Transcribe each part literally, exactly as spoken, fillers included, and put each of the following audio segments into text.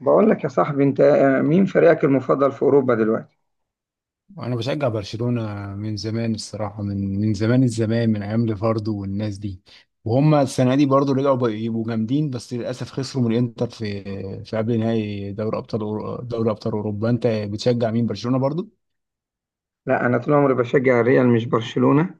بقول لك يا صاحبي انت، آه، مين فريقك المفضل في اوروبا دلوقتي؟ انا بشجع برشلونة من زمان، الصراحة من من زمان الزمان، من ايام ليفاردو والناس دي. وهم السنة دي برضو رجعوا بقوا يبقوا جامدين، بس للاسف خسروا من الانتر في في قبل نهائي دوري ابطال أورو- دوري ابطال اوروبا. انت بتشجع مين؟ برشلونة برضو؟ لا، انا طول عمري بشجع الريال مش برشلونة.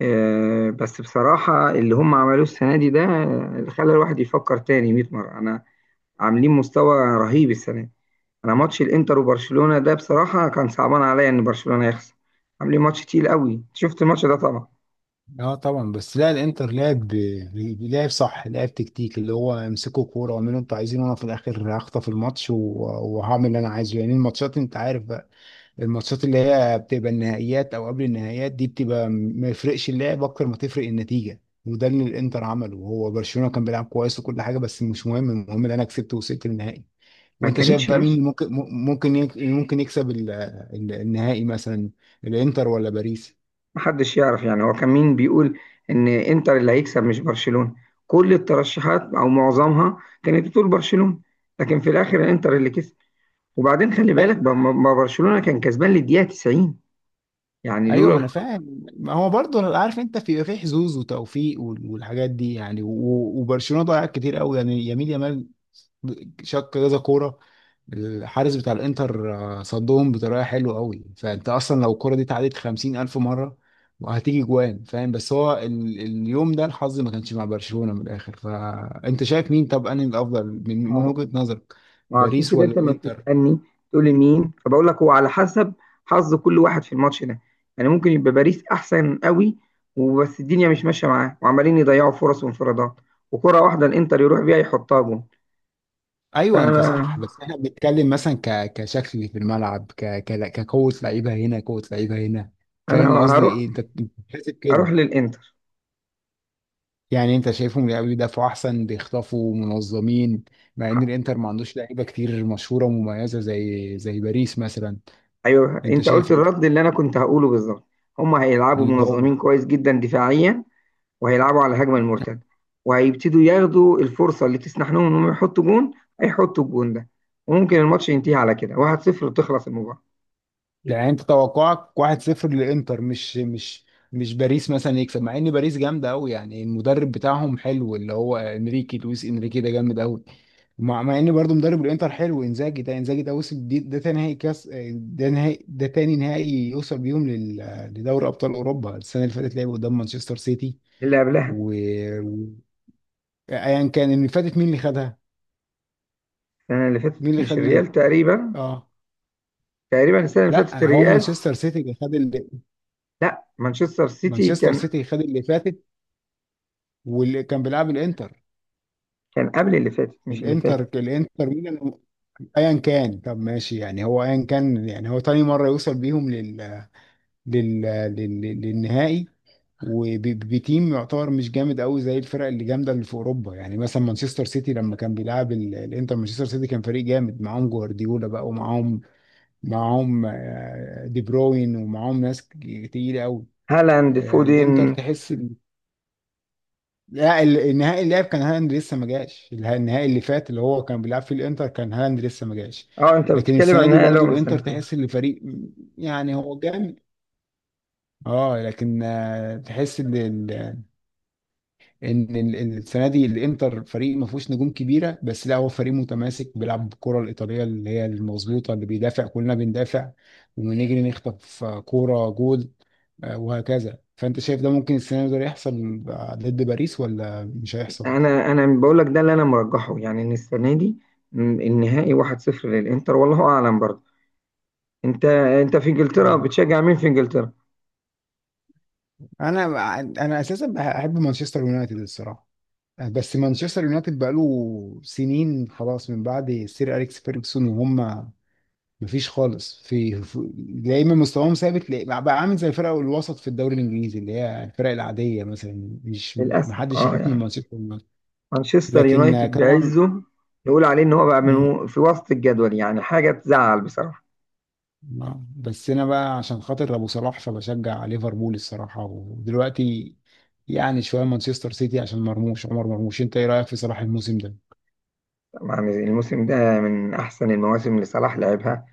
آه، بس بصراحة اللي هم عملوه السنة دي ده، آه، اللي خلى الواحد يفكر تاني 100 مرة. انا عاملين مستوى رهيب السنة دي. انا ماتش الانتر وبرشلونة ده بصراحة كان صعبان عليا ان برشلونة يخسر. عاملين ماتش تقيل قوي. شفت الماتش ده طبعا. اه طبعا. بس لا، الانتر لعب لعب صح، لعب تكتيك، اللي هو امسكوا كوره واعملوا انتوا عايزين، وانا في الاخر هخطف الماتش و- وهعمل اللي انا عايزه. يعني الماتشات انت عارف، الماتشات اللي هي بتبقى النهائيات او قبل النهائيات دي بتبقى م- ما يفرقش اللعب اكتر ما تفرق النتيجه. وده اللي الانتر عمله، وهو برشلونه كان بيلعب كويس وكل حاجه، بس مش مهم، المهم ان انا كسبت ووصلت للنهائي. ما وانت شايف كانتش بقى ماشي. مين ممكن م- ممكن يك- ممكن يكسب ال- ال- النهائي مثلا؟ الانتر ولا باريس؟ محدش يعرف، يعني هو كان مين بيقول ان انتر اللي هيكسب مش برشلونة؟ كل الترشحات او معظمها كانت بتقول برشلونة، لكن في الاخر انتر اللي كسب. وبعدين خلي بالك أي- ب- ب- برشلونة كان كسبان للدقيقة تسعين. يعني ايوه لولا ما انا الخ- فاهم، ما هو برضه عارف انت في في حظوظ وتوفيق وال- والحاجات دي يعني، و- وبرشلونه ضيع كتير قوي يعني، يمين يامال شق كذا كوره. الحارس بتاع الانتر آه، صدهم بطريقه حلوه قوي، فانت اصلا لو الكوره دي اتعادت خمسين الف مره وهتيجي جوان، فاهم؟ بس هو ال... اليوم ده الحظ ما كانش مع برشلونه من الاخر. فانت شايف مين؟ طب انهي الافضل من... ما من هو وجهه نظرك؟ عشان باريس كده ولا انت ما الانتر؟ بتسألني تقول لي مين، فبقول لك هو على حسب حظ كل واحد في الماتش ده. يعني ممكن يبقى باريس احسن قوي وبس الدنيا مش ماشية معاه وعمالين يضيعوا فرص وانفرادات، وكرة واحدة الانتر يروح بيها يحطها جون. ايوه انت فانا صح، بس احنا بنتكلم مثلا ك... كشكل في الملعب، ك... ك... كقوه لعيبه هنا، قوه لعيبه هنا، انا فاهم قصدي هروح، ايه؟ انت أنت بتحسب اروح كده. للانتر. يعني انت شايفهم لا بيدافعوا احسن، بيخطفوا منظمين، مع ان ح- الانتر ما عندوش لعيبه كتير مشهوره ومميزه زي زي باريس مثلا. ايوه، انت انت قلت شايف ايه؟ الرد اللي انا كنت هقوله بالظبط. هم هيلعبوا اللي هو منظمين كويس جدا دفاعيا، وهيلعبوا على الهجمه المرتده، وهيبتدوا ياخدوا الفرصه اللي تسنح لهم انهم يحطوا جون. هيحطوا الجون ده وممكن الماتش ينتهي على كده واحد صفر وتخلص المباراه. يعني انت توقعك واحد صفر للانتر؟ مش مش مش باريس مثلا يكسب، مع ان باريس جامده قوي؟ يعني المدرب بتاعهم حلو، اللي هو انريكي، لويس انريكي ده جامد قوي. مع, مع ان برضه مدرب الانتر حلو، انزاجي ده، انزاجي ده وصل، دي ده تاني نهائي كاس، ده نهائي، ده تاني نهائي يوصل بيهم لل- لدوري ابطال اوروبا. السنه اللي فاتت لعبوا قدام مانشستر سيتي. اللي قبلها؟ و و- ايا كان اللي فاتت، مين اللي خدها؟ السنه اللي فاتت مين اللي مش خد الريال ال... تقريبا. اه تقريبا السنه اللي فاتت لا، هو الريال. مانشستر سيتي اللي خد اللي... لا، مانشستر سيتي مانشستر كان. سيتي خد اللي فاتت، واللي كان بيلعب الانتر، كان قبل اللي فاتت مش اللي فاتت. الانتر الانتر ميلان. ايا كان طب ماشي. يعني هو ايا كان، يعني هو تاني مره يوصل بيهم لل... لل... لل... للنهائي. وبتيم يعتبر مش جامد قوي زي الفرق اللي جامده اللي في اوروبا، يعني مثلا مانشستر سيتي لما كان بيلعب ال- الانتر، مانشستر سيتي كان فريق جامد، معاهم جوارديولا بقى، ومعاهم معاهم آه، دي بروين، ومعاهم ناس ك- تقيلة قوي. هالاند، آه، فودين. الانتر تحس إن- لا، ال- النهائي اللي لعب كان هالاند لسه ما جاش، اله- النهائي اللي فات اللي هو كان بيلعب فيه الانتر كان هالاند لسه ما جاش. اه، انت لكن بتتكلم عن السنة دي النهائي اللي هو برضو من الانتر سنتين. تحس ان الفريق يعني هو جامد. اه لكن آه، تحس ان ال- ان ال- ال- السنه دي الانتر فريق ما فيهوش نجوم كبيره، بس لا هو فريق متماسك بيلعب بالكره الايطاليه اللي هي المظبوطه، اللي بيدافع كلنا بندافع ونجري نخطف آه، كوره جول، آه، وهكذا. فانت شايف ده ممكن السنه دي ده يحصل ضد باريس ولا مش هيحصل؟ انا انا بقول لك ده اللي انا مرجحه، يعني ان السنه دي، م، النهائي واحد صفر للانتر، والله اعلم برضه. انت انت في انجلترا اه. بتشجع مين في انجلترا؟ انا انا اساسا بحب مانشستر يونايتد الصراحه، بس مانشستر يونايتد بقاله سنين خلاص من بعد سير اليكس فيرجسون، وهم مفيش خالص في في- يا اما مستواهم ثابت، لا- بقى عامل زي الفرق الوسط في الدوري الانجليزي، اللي هي الفرق العاديه مثلا، مش للاسف، محدش اه يخاف من يعني، مانشستر يونايتد. مانشستر لكن يونايتد طبعا. بعزه نقول عليه ان هو بقى مم. من في وسط الجدول. يعني حاجه تزعل بصراحه. آه. بس انا بقى عشان خاطر ابو صلاح فبشجع ليفربول الصراحه، ودلوقتي يعني شويه مانشستر سيتي عشان مرموش، عمر مرموش. انت ايه رايك في صلاح الموسم ده؟ طبعاً الموسم ده من احسن المواسم اللي صلاح لعبها.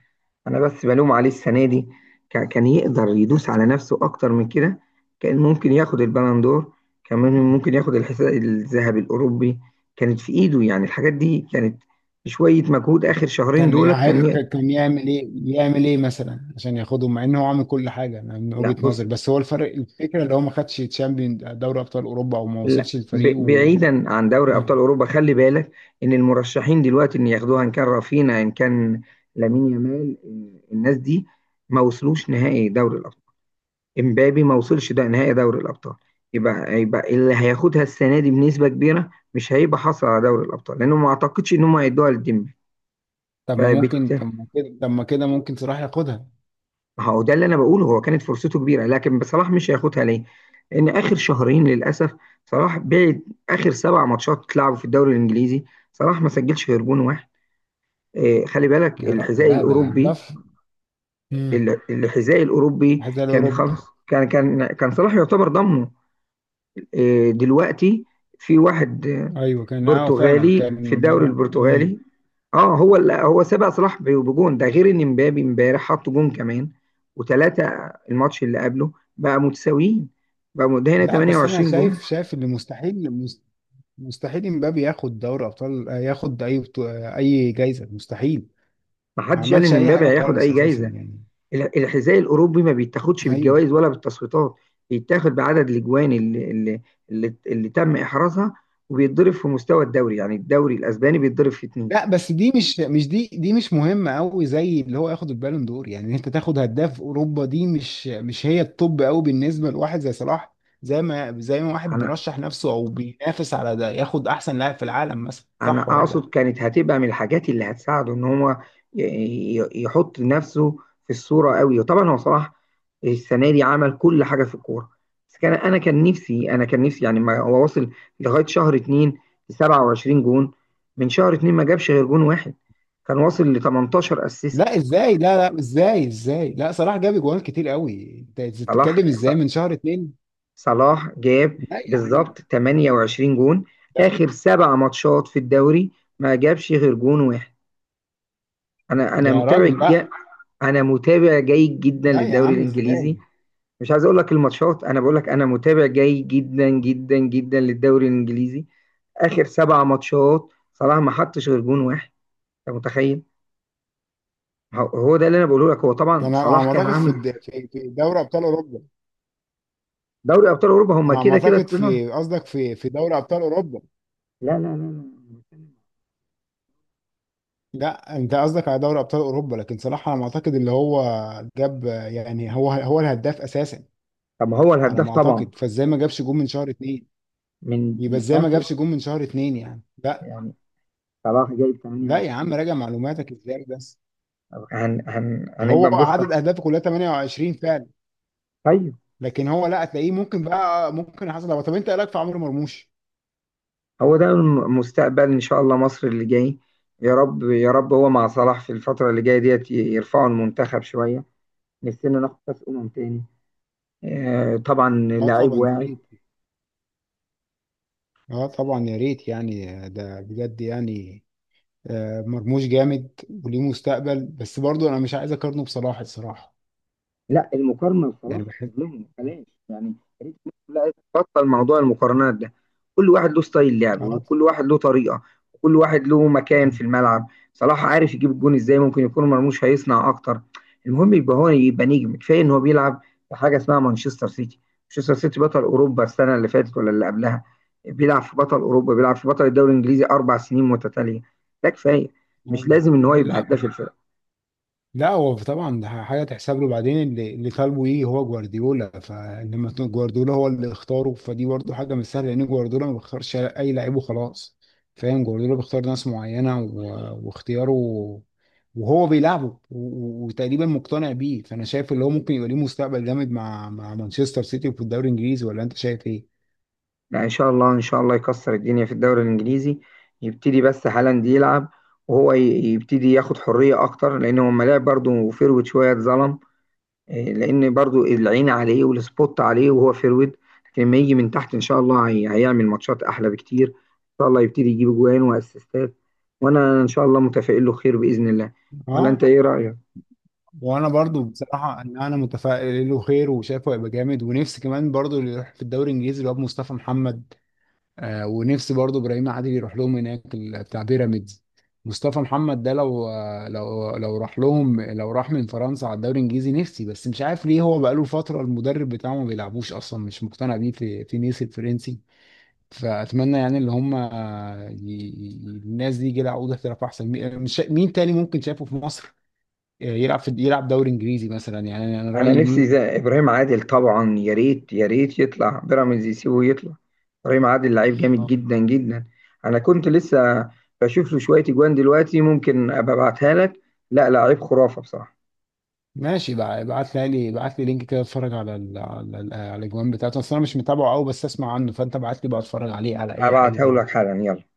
انا بس بلوم عليه السنه دي. كا- كان يقدر يدوس على نفسه اكتر من كده. كان ممكن ياخد البالون دور. كان ممكن ياخد الحذاء الذهبي الاوروبي. كانت في ايده يعني الحاجات دي كانت. شويه مجهود اخر شهرين كان دولت يع- كان ي... ك- كان يعمل ايه، يعمل ايه مثلا عشان ياخدهم، مع ان هو عامل كل حاجه. انا من لا، وجهه بص، نظري، بس هو الفرق، الفكره اللي هو ما خدش تشامبيون دوري ابطال اوروبا، او ما لا، وصلش للفريق ب... و... بعيدا عن دوري ابطال مم. اوروبا، خلي بالك ان المرشحين دلوقتي ان ياخدوها، ان كان رافينا، ان كان لامين يامال، الناس دي ما وصلوش نهائي دوري الابطال. امبابي ما وصلش ده نهائي دوري الابطال. يبقى يبقى اللي هياخدها السنه دي بنسبه كبيره مش هيبقى حصل على دوري الابطال، لانه ما اعتقدش ان هم هيدوها لديمبلي. طب ما ممكن، فبالتالي، طب ما كده طب ما كده ممكن صلاح ياخدها. ما هو ده اللي انا بقوله. هو كانت فرصته كبيره لكن صلاح مش هياخدها ليه؟ لان اخر شهرين للاسف صلاح بعد اخر سبع ماتشات اتلعبوا في الدوري الانجليزي، صلاح ما سجلش غير جون واحد. إيه، خلي بالك، يا رأي. الحذاء لا ده ده الاوروبي، في. مم. ال- الحذاء الاوروبي حذاء كان خلاص، الاوروبا. كان كان كان صلاح يعتبر ضمنه. إيه دلوقتي؟ في واحد ايوه كان، اه فعلا برتغالي في كان الدوري هو. مم. البرتغالي. اه، هو ال- هو سبق صلاح ب- بجون، ده غير ان مبابي امبارح حط جون كمان وثلاثه، الماتش اللي قبله، بقى متساويين. بقى م- ده هنا لا بس انا 28 جون. شايف، شايف اللي مستحيل، مست- مستحيل امبابي ياخد دوري ابطال، آه، ياخد اي بطو- آه، اي جايزه مستحيل. ما ما حدش قال عملش ان اي حاجه مبابي هياخد خالص اي اساسا جايزه. يعني. ال- الحذاء الاوروبي ما بيتاخدش ايوه. بالجوائز ولا بالتصويتات، بيتاخد بعدد الاجوان اللي اللي اللي, اللي تم احرازها، وبيتضرب في مستوى الدوري، يعني الدوري الاسباني بيتضرب في اتنين. لا بس دي مش مش دي دي مش مهمه قوي زي اللي هو ياخد البالون دور. يعني إن انت تاخد هداف اوروبا دي مش مش هي الطب قوي بالنسبه لواحد زي صلاح، زي ما زي ما واحد على، بيرشح نفسه او بينافس على ده ياخد احسن لاعب في العالم مثلا، انا صح ولا؟ اقصد كانت هتبقى من الحاجات اللي هتساعده ان هو ي- ي- يحط نفسه في الصورة قوي. وطبعا هو صلاح السنة دي عمل كل حاجة في الكورة، بس كان انا كان نفسي انا كان نفسي، يعني ما هو وصل لغاية شهر اتنين ل 27 جون. من شهر اتنين ما جابش غير جون واحد. كان واصل ل 18 اسيست. لا ازاي، لا لا، ازاي ازاي، لا صلاح جاب اجوان كتير قوي، انت صلاح بتتكلم ص- ازاي من شهر اتنين؟ صلاح جاب لا يا عم، بالظبط 28 جون. لا اخر سبع ماتشات في الدوري ما جابش غير جون واحد. انا انا يا راجل، متابع لا، جا... انا متابع جيد جدا لا يا للدوري عم ازاي. الانجليزي. مش عايز اقول لك الماتشات، انا بقول لك انا متابع جيد جدا جدا جدا للدوري الانجليزي. اخر سبع ماتشات صلاح ما حطش غير جون واحد، انت متخيل؟ هو هو ده اللي انا بقوله لك. هو ده طبعا انا على ما صلاح كان اعتقد في عامل الد- في في دوري ابطال اوروبا. دوري ابطال اوروبا، هم انا على ما كده كده اعتقد، طلعوا. في قصدك في في دوري ابطال اوروبا. لا لا لا لا. لا انت قصدك على دوري ابطال اوروبا، لكن صلاح على ما اعتقد اللي هو جاب، يعني هو هو الهداف اساسا طب ما هو على الهداف ما طبعا. اعتقد. فازاي ما جابش جون من شهر اتنين؟ من يبقى من ازاي ما اخر، جابش جون من شهر اتنين يعني؟ لا. يعني صلاح جايب لا يا عم تمنية وعشرين. راجع معلوماتك ازاي بس. هن هن هو هنبقى نبص. عدد اهدافه كلها تمانية وعشرين فعلا، طيب. لكن هو، لا، هتلاقيه ممكن بقى، ممكن حصل. هو طب انت ايه رايك في عمرو مرموش؟ هو ده المستقبل ان شاء الله، مصر اللي جاي. يا رب يا رب هو مع صلاح في الفتره اللي جايه ديت ي- يرفعوا المنتخب شويه. نفسنا ناخد كاس امم تاني. آه، طبعا اه لعيب طبعا يا واعد. ريت. اه طبعا يا ريت، يعني ده بجد يعني. آه، مرموش جامد وليه مستقبل، بس برضو انا مش عايز اقارنه بصلاح الصراحه، لا، المقارنه يعني بصراحه بحب. تظلمهم، بلاش يعني. يا ريت الناس كلها تبطل موضوع المقارنات ده. كل واحد له ستايل لعب، اه. وكل واحد له طريقه، وكل واحد له مكان في الملعب. صلاح عارف يجيب الجون ازاي، ممكن يكون مرموش هيصنع اكتر. المهم يبقى هو يبقى نجم. كفايه ان هو بيلعب في حاجه اسمها مانشستر سيتي. مانشستر سيتي بطل اوروبا السنه اللي فاتت ولا اللي قبلها. بيلعب في بطل اوروبا، بيلعب في بطل الدوري الانجليزي اربع سنين متتاليه، ده كفايه. مش أيوة. لازم ان هو أي. يبقى لا، هداف الفريق. لا هو طبعا ده حاجه تحسب له. بعدين اللي اللي طالبه ايه؟ هو جوارديولا، فلما تكون جوارديولا هو اللي اختاره فدي برضو حاجه مش سهله، لان جوارديولا ما بيختارش اي لعيب وخلاص، فاهم؟ جوارديولا بيختار ناس معينه و- واختياره، وهو بيلعبه و- وتقريبا مقتنع بيه. فانا شايف اللي هو ممكن يبقى ليه مستقبل جامد مع مع مانشستر سيتي في الدوري الانجليزي، ولا انت شايف ايه؟ لا، ان شاء الله ان شاء الله يكسر الدنيا في الدوري الانجليزي. يبتدي بس هالاند يلعب وهو ي- يبتدي ياخد حريه اكتر، لان هو لما لعب برضه فيرويد شويه اتظلم. إيه، لان برضه العين عليه والسبوت عليه وهو فيرويد. لكن لما يجي من تحت ان شاء الله هي- هيعمل ماتشات احلى بكتير. ان شاء الله يبتدي يجيب جوان واسيستات. وانا ان شاء الله متفائل له خير باذن الله. ولا انت اه. ايه رايك؟ وانا برضو بصراحه ان انا متفائل له خير وشايفه هيبقى جامد. ونفسي كمان برضو اللي يروح في الدوري الانجليزي اللي هو مصطفى محمد. آه، ونفسي برضو ابراهيم عادل يروح لهم هناك، ال- بتاع بيراميدز. مصطفى محمد ده لو آه، لو لو راح لهم، لو راح من فرنسا على الدوري الانجليزي، نفسي، بس مش عارف ليه هو بقاله فتره المدرب بتاعه ما بيلعبوش، اصلا مش مقتنع بيه في في نيس الفرنسي. فاتمنى يعني اللي هم آه، ي- ي- الناس دي يجي لها عقود احتراف احسن. مين، مش شا- مين تاني ممكن شايفه في مصر يلعب، في يلعب دوري انجليزي مثلا يعني، انا أنا انا رايي نفسي مين؟ زي ابراهيم عادل طبعا، يا ريت يا ريت يطلع بيراميدز يسيبه يطلع. ابراهيم عادل لعيب جامد اه جدا جدا. انا كنت لسه بشوف له شويه اجوان دلوقتي، ممكن ابقى ابعتها لك. لا، لعيب خرافه بصراحه. ماشي بقى، ابعت لي لي ابعت لي لينك كده، اتفرج على ال... على ال... على الاجوان بتاعته، اصل انا مش متابعه قوي بس اسمع عنه. فانت ابعت لي بقى اتفرج عليه على اي حاجه هبعتها كده. لك حالا، يلا.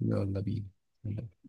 يلا بينا.